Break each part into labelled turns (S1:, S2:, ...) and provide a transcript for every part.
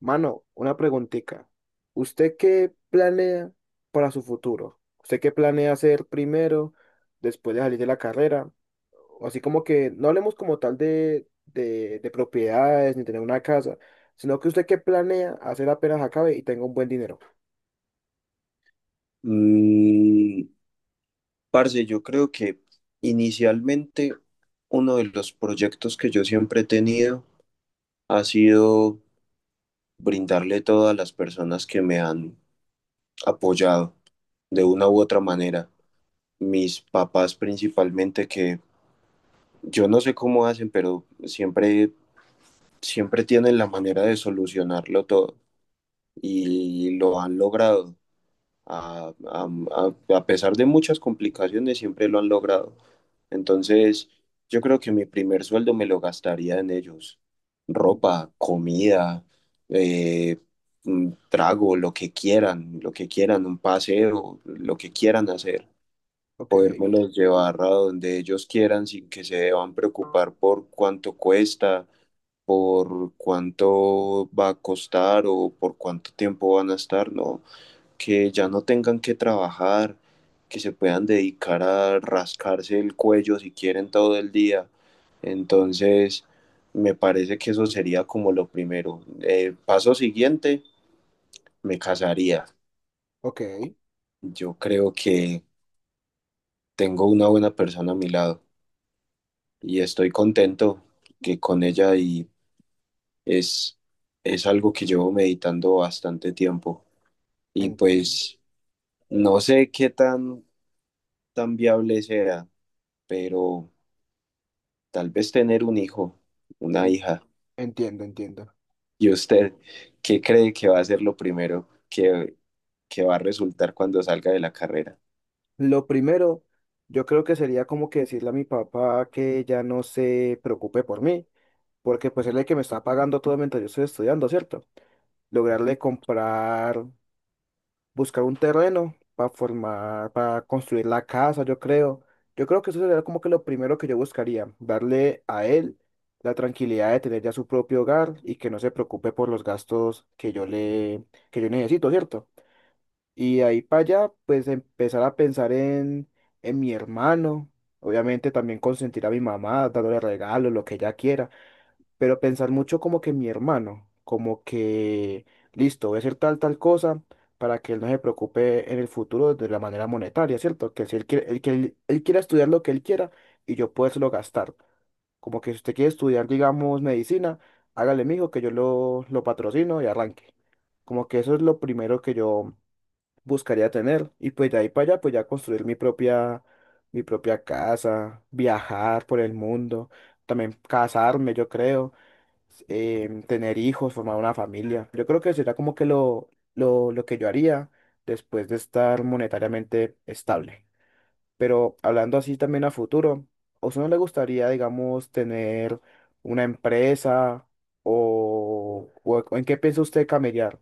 S1: Mano, una preguntita. ¿Usted qué planea para su futuro? ¿Usted qué planea hacer primero, después de salir de la carrera? O así como que no hablemos como tal de propiedades ni tener una casa, sino que usted qué planea hacer apenas acabe y tenga un buen dinero.
S2: Mm, parce, yo creo que inicialmente uno de los proyectos que yo siempre he tenido ha sido brindarle todo a las personas que me han apoyado de una u otra manera. Mis papás principalmente que yo no sé cómo hacen, pero siempre tienen la manera de solucionarlo todo y lo han logrado. A pesar de muchas complicaciones, siempre lo han logrado. Entonces, yo creo que mi primer sueldo me lo gastaría en ellos. Ropa, comida, eh, trago, lo que quieran, un paseo, lo que quieran hacer.
S1: Ok,
S2: Podérmelos llevar a donde ellos quieran sin que se deban preocupar por cuánto cuesta, por cuánto va a costar o por cuánto tiempo van a estar, ¿no? Que ya no tengan que trabajar, que se puedan dedicar a rascarse el cuello si quieren todo el día. Entonces, me parece que eso sería como lo primero. Paso siguiente, me casaría.
S1: ok,
S2: Yo creo que tengo una buena persona a mi lado y estoy contento que con ella y es, es algo que llevo meditando bastante tiempo. Y
S1: entiendo,
S2: pues no sé qué tan viable sea, pero tal vez tener un hijo, una
S1: en-
S2: hija.
S1: entiendo, entiendo.
S2: ¿Y usted qué cree que va a ser lo primero que va a resultar cuando salga de la carrera?
S1: Lo primero, yo creo que sería como que decirle a mi papá que ya no se preocupe por mí porque pues él es el que me está pagando todo mientras yo estoy estudiando, ¿cierto? Lograrle comprar, buscar un terreno para formar, para construir la casa, yo creo. Yo creo que eso sería como que lo primero que yo buscaría, darle a él la tranquilidad de tener ya su propio hogar y que no se preocupe por los gastos que yo le, que yo necesito, ¿cierto? Y de ahí para allá, pues empezar a pensar en mi hermano, obviamente también consentir a mi mamá, dándole regalos, lo que ella quiera, pero pensar mucho como que mi hermano, como que, listo, voy a hacer tal cosa para que él no se preocupe en el futuro de la manera monetaria, ¿cierto? Que si él quiere, él, que él quiera estudiar lo que él quiera y yo lo gastar. Como que si usted quiere estudiar, digamos, medicina, hágale, mijo, que yo lo patrocino y arranque. Como que eso es lo primero que yo buscaría tener. Y pues de ahí para allá, pues ya construir mi propia casa, viajar por el mundo, también casarme, yo creo, tener hijos, formar una familia. Yo creo que sería como que lo que yo haría después de estar monetariamente estable. Pero hablando así también a futuro, ¿a usted no le gustaría, digamos, tener una empresa o, o en qué piensa usted camellar?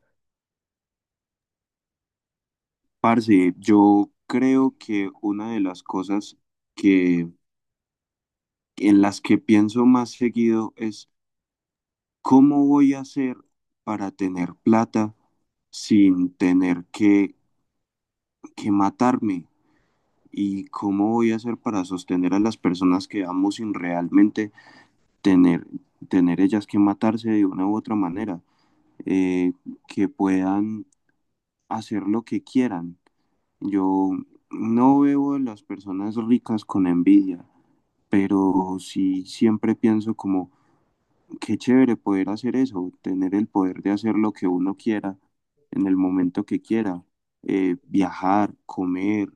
S2: Parce, yo creo que una de las cosas que en las que pienso más seguido es cómo voy a hacer para tener plata sin tener que matarme y cómo voy a hacer para sostener a las personas que amo sin realmente tener, tener ellas que matarse de una u otra manera. eh, que puedan hacer lo que quieran. Yo no veo a las personas ricas con envidia, pero sí siempre pienso como, qué chévere poder hacer eso, tener el poder de hacer lo que uno quiera en el momento que quiera, viajar, comer,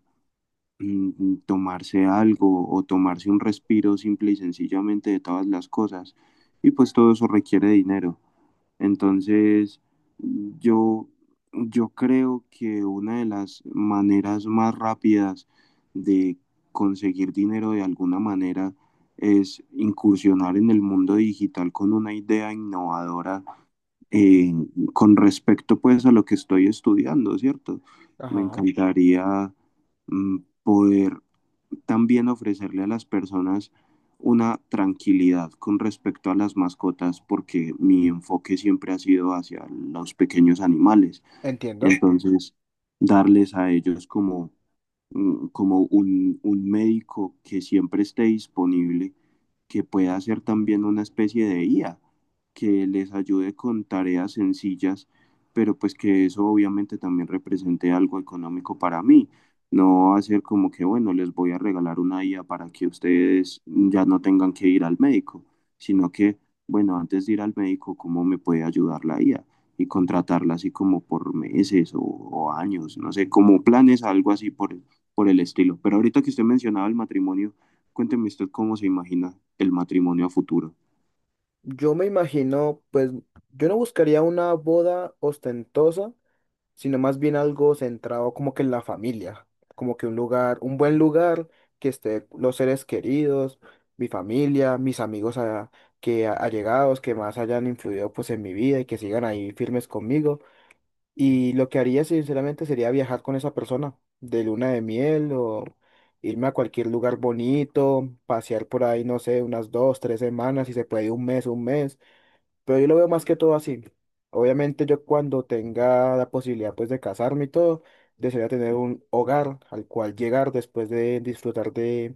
S2: tomarse algo o tomarse un respiro simple y sencillamente de todas las cosas. Y pues todo eso requiere dinero. Entonces, yo, yo creo que una de las maneras más rápidas de conseguir dinero de alguna manera es incursionar en el mundo digital con una idea innovadora eh, con respecto pues a lo que estoy estudiando, ¿cierto? Me
S1: Ajá,
S2: encantaría mm, poder también ofrecerle a las personas una tranquilidad con respecto a las mascotas porque mi enfoque siempre ha sido hacia los pequeños animales.
S1: entiendo.
S2: Entonces, darles a ellos como como un médico que siempre esté disponible, que pueda ser también una especie de IA, que les ayude con tareas sencillas, pero pues que eso obviamente también represente algo económico para mí. No hacer como que, bueno, les voy a regalar una IA para que ustedes ya no tengan que ir al médico, sino que, bueno, antes de ir al médico, ¿cómo me puede ayudar la IA? Y contratarla así como por meses o años, no sé, como planes, algo así por el estilo. Pero ahorita que usted mencionaba el matrimonio, cuénteme usted cómo se imagina el matrimonio a futuro.
S1: Yo me imagino, pues yo no buscaría una boda ostentosa, sino más bien algo centrado como que en la familia, como que un lugar, un buen lugar, que esté los seres queridos, mi familia, mis amigos que allegados, que más hayan influido pues en mi vida y que sigan ahí firmes conmigo. Y lo que haría sinceramente sería viajar con esa persona de luna de miel o irme a cualquier lugar bonito, pasear por ahí, no sé, unas dos, tres semanas, si se puede un mes, un mes, pero yo lo veo más que todo así. Obviamente yo cuando tenga la posibilidad pues de casarme y todo, desearía tener un hogar al cual llegar después de disfrutar de,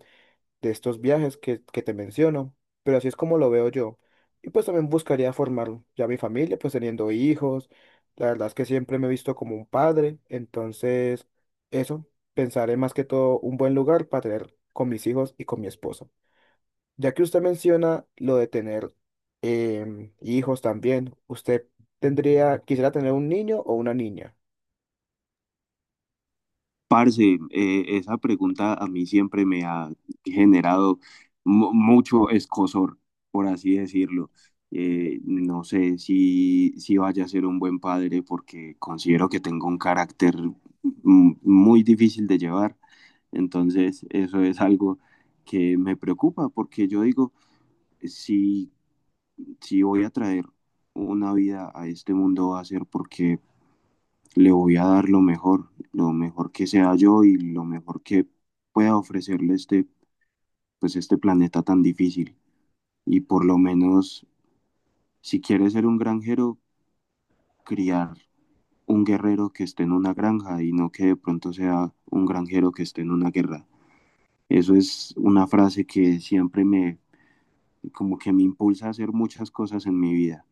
S1: de estos viajes que te menciono. Pero así es como lo veo yo. Y pues también buscaría formar ya mi familia, pues teniendo hijos. La verdad es que siempre me he visto como un padre. Entonces, eso, pensaré más que todo un buen lugar para tener con mis hijos y con mi esposa. Ya que usted menciona lo de tener, hijos también, ¿usted tendría, quisiera tener un niño o una niña?
S2: Parce, esa pregunta a mí siempre me ha generado mucho escozor, por así decirlo. No sé si vaya a ser un buen padre porque considero que tengo un carácter muy difícil de llevar. Entonces, eso es algo que me preocupa porque yo digo, si si voy a traer una vida a este mundo va a ser porque le voy a dar lo mejor que sea yo y lo mejor que pueda ofrecerle pues este planeta tan difícil. Y por lo menos, si quieres ser un granjero, criar un guerrero que esté en una granja y no que de pronto sea un granjero que esté en una guerra. Eso es una frase que siempre me, como que me impulsa a hacer muchas cosas en mi vida.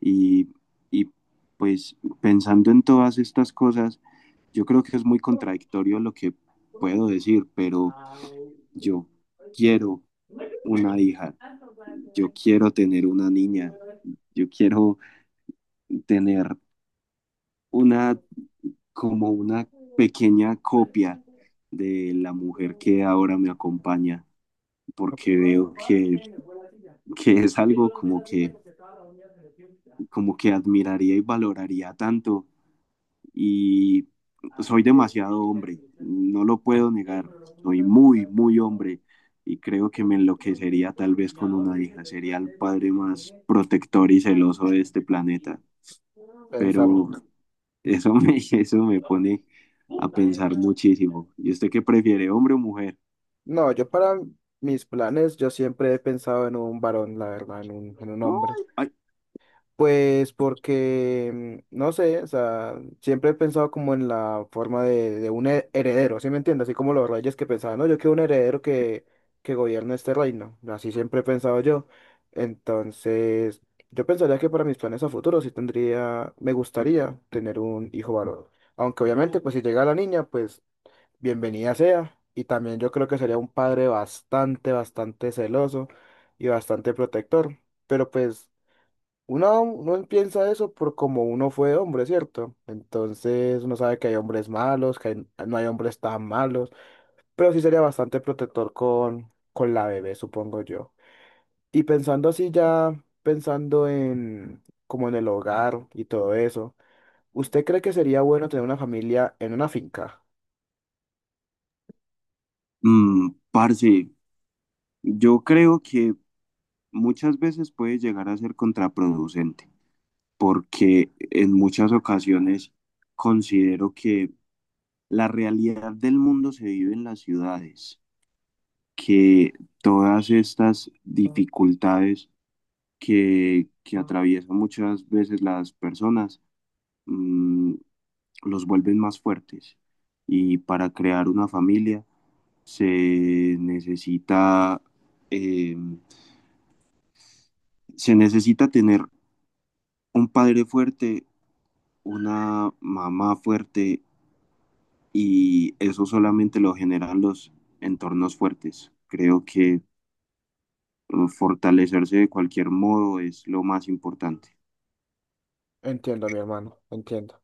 S2: Y, y pues pensando en todas estas cosas, yo creo que es muy contradictorio lo que puedo decir, pero yo quiero una hija, yo quiero tener una niña, yo quiero tener una como una pequeña copia de la mujer que ahora me acompaña,
S1: Ok.
S2: porque veo que es algo como que admiraría y valoraría tanto y soy demasiado hombre, no lo puedo negar, soy muy, muy hombre y creo que me enloquecería tal vez con una hija, sería el padre más protector y celoso de este planeta, pero
S1: Pensamos.
S2: eso me, eso me pone a pensar muchísimo. ¿Y usted qué prefiere, hombre o mujer?
S1: No, yo para mis planes, yo siempre he pensado en un varón, la verdad, en un hombre.
S2: Ay, ay.
S1: Pues porque, no sé, o sea, siempre he pensado como en la forma de un heredero, ¿sí me entiendes? Así como los reyes que pensaban, no, yo quiero un heredero que gobierne este reino, así siempre he pensado yo. Entonces, yo pensaría que para mis planes a futuro sí tendría, me gustaría tener un hijo varón. Aunque obviamente, pues si llega la niña, pues bienvenida sea. Y también yo creo que sería un padre bastante, bastante celoso y bastante protector. Pero pues... Uno piensa eso por como uno fue hombre, ¿cierto? Entonces uno sabe que hay hombres malos, que no hay hombres tan malos, pero sí sería bastante protector con la bebé, supongo yo. Y pensando así ya, pensando en como en el hogar y todo eso, ¿usted cree que sería bueno tener una familia en una finca?
S2: Parce, yo creo que muchas veces puede llegar a ser contraproducente, porque en muchas ocasiones considero que la realidad del mundo se vive en las ciudades, que todas estas dificultades que atraviesan muchas veces las personas mm, los vuelven más fuertes. Y para crear una familia se necesita, eh, se necesita tener un padre fuerte, una mamá fuerte, y eso solamente lo generan los entornos fuertes. Creo que fortalecerse de cualquier modo es lo más importante.
S1: Entiendo, mi hermano, entiendo.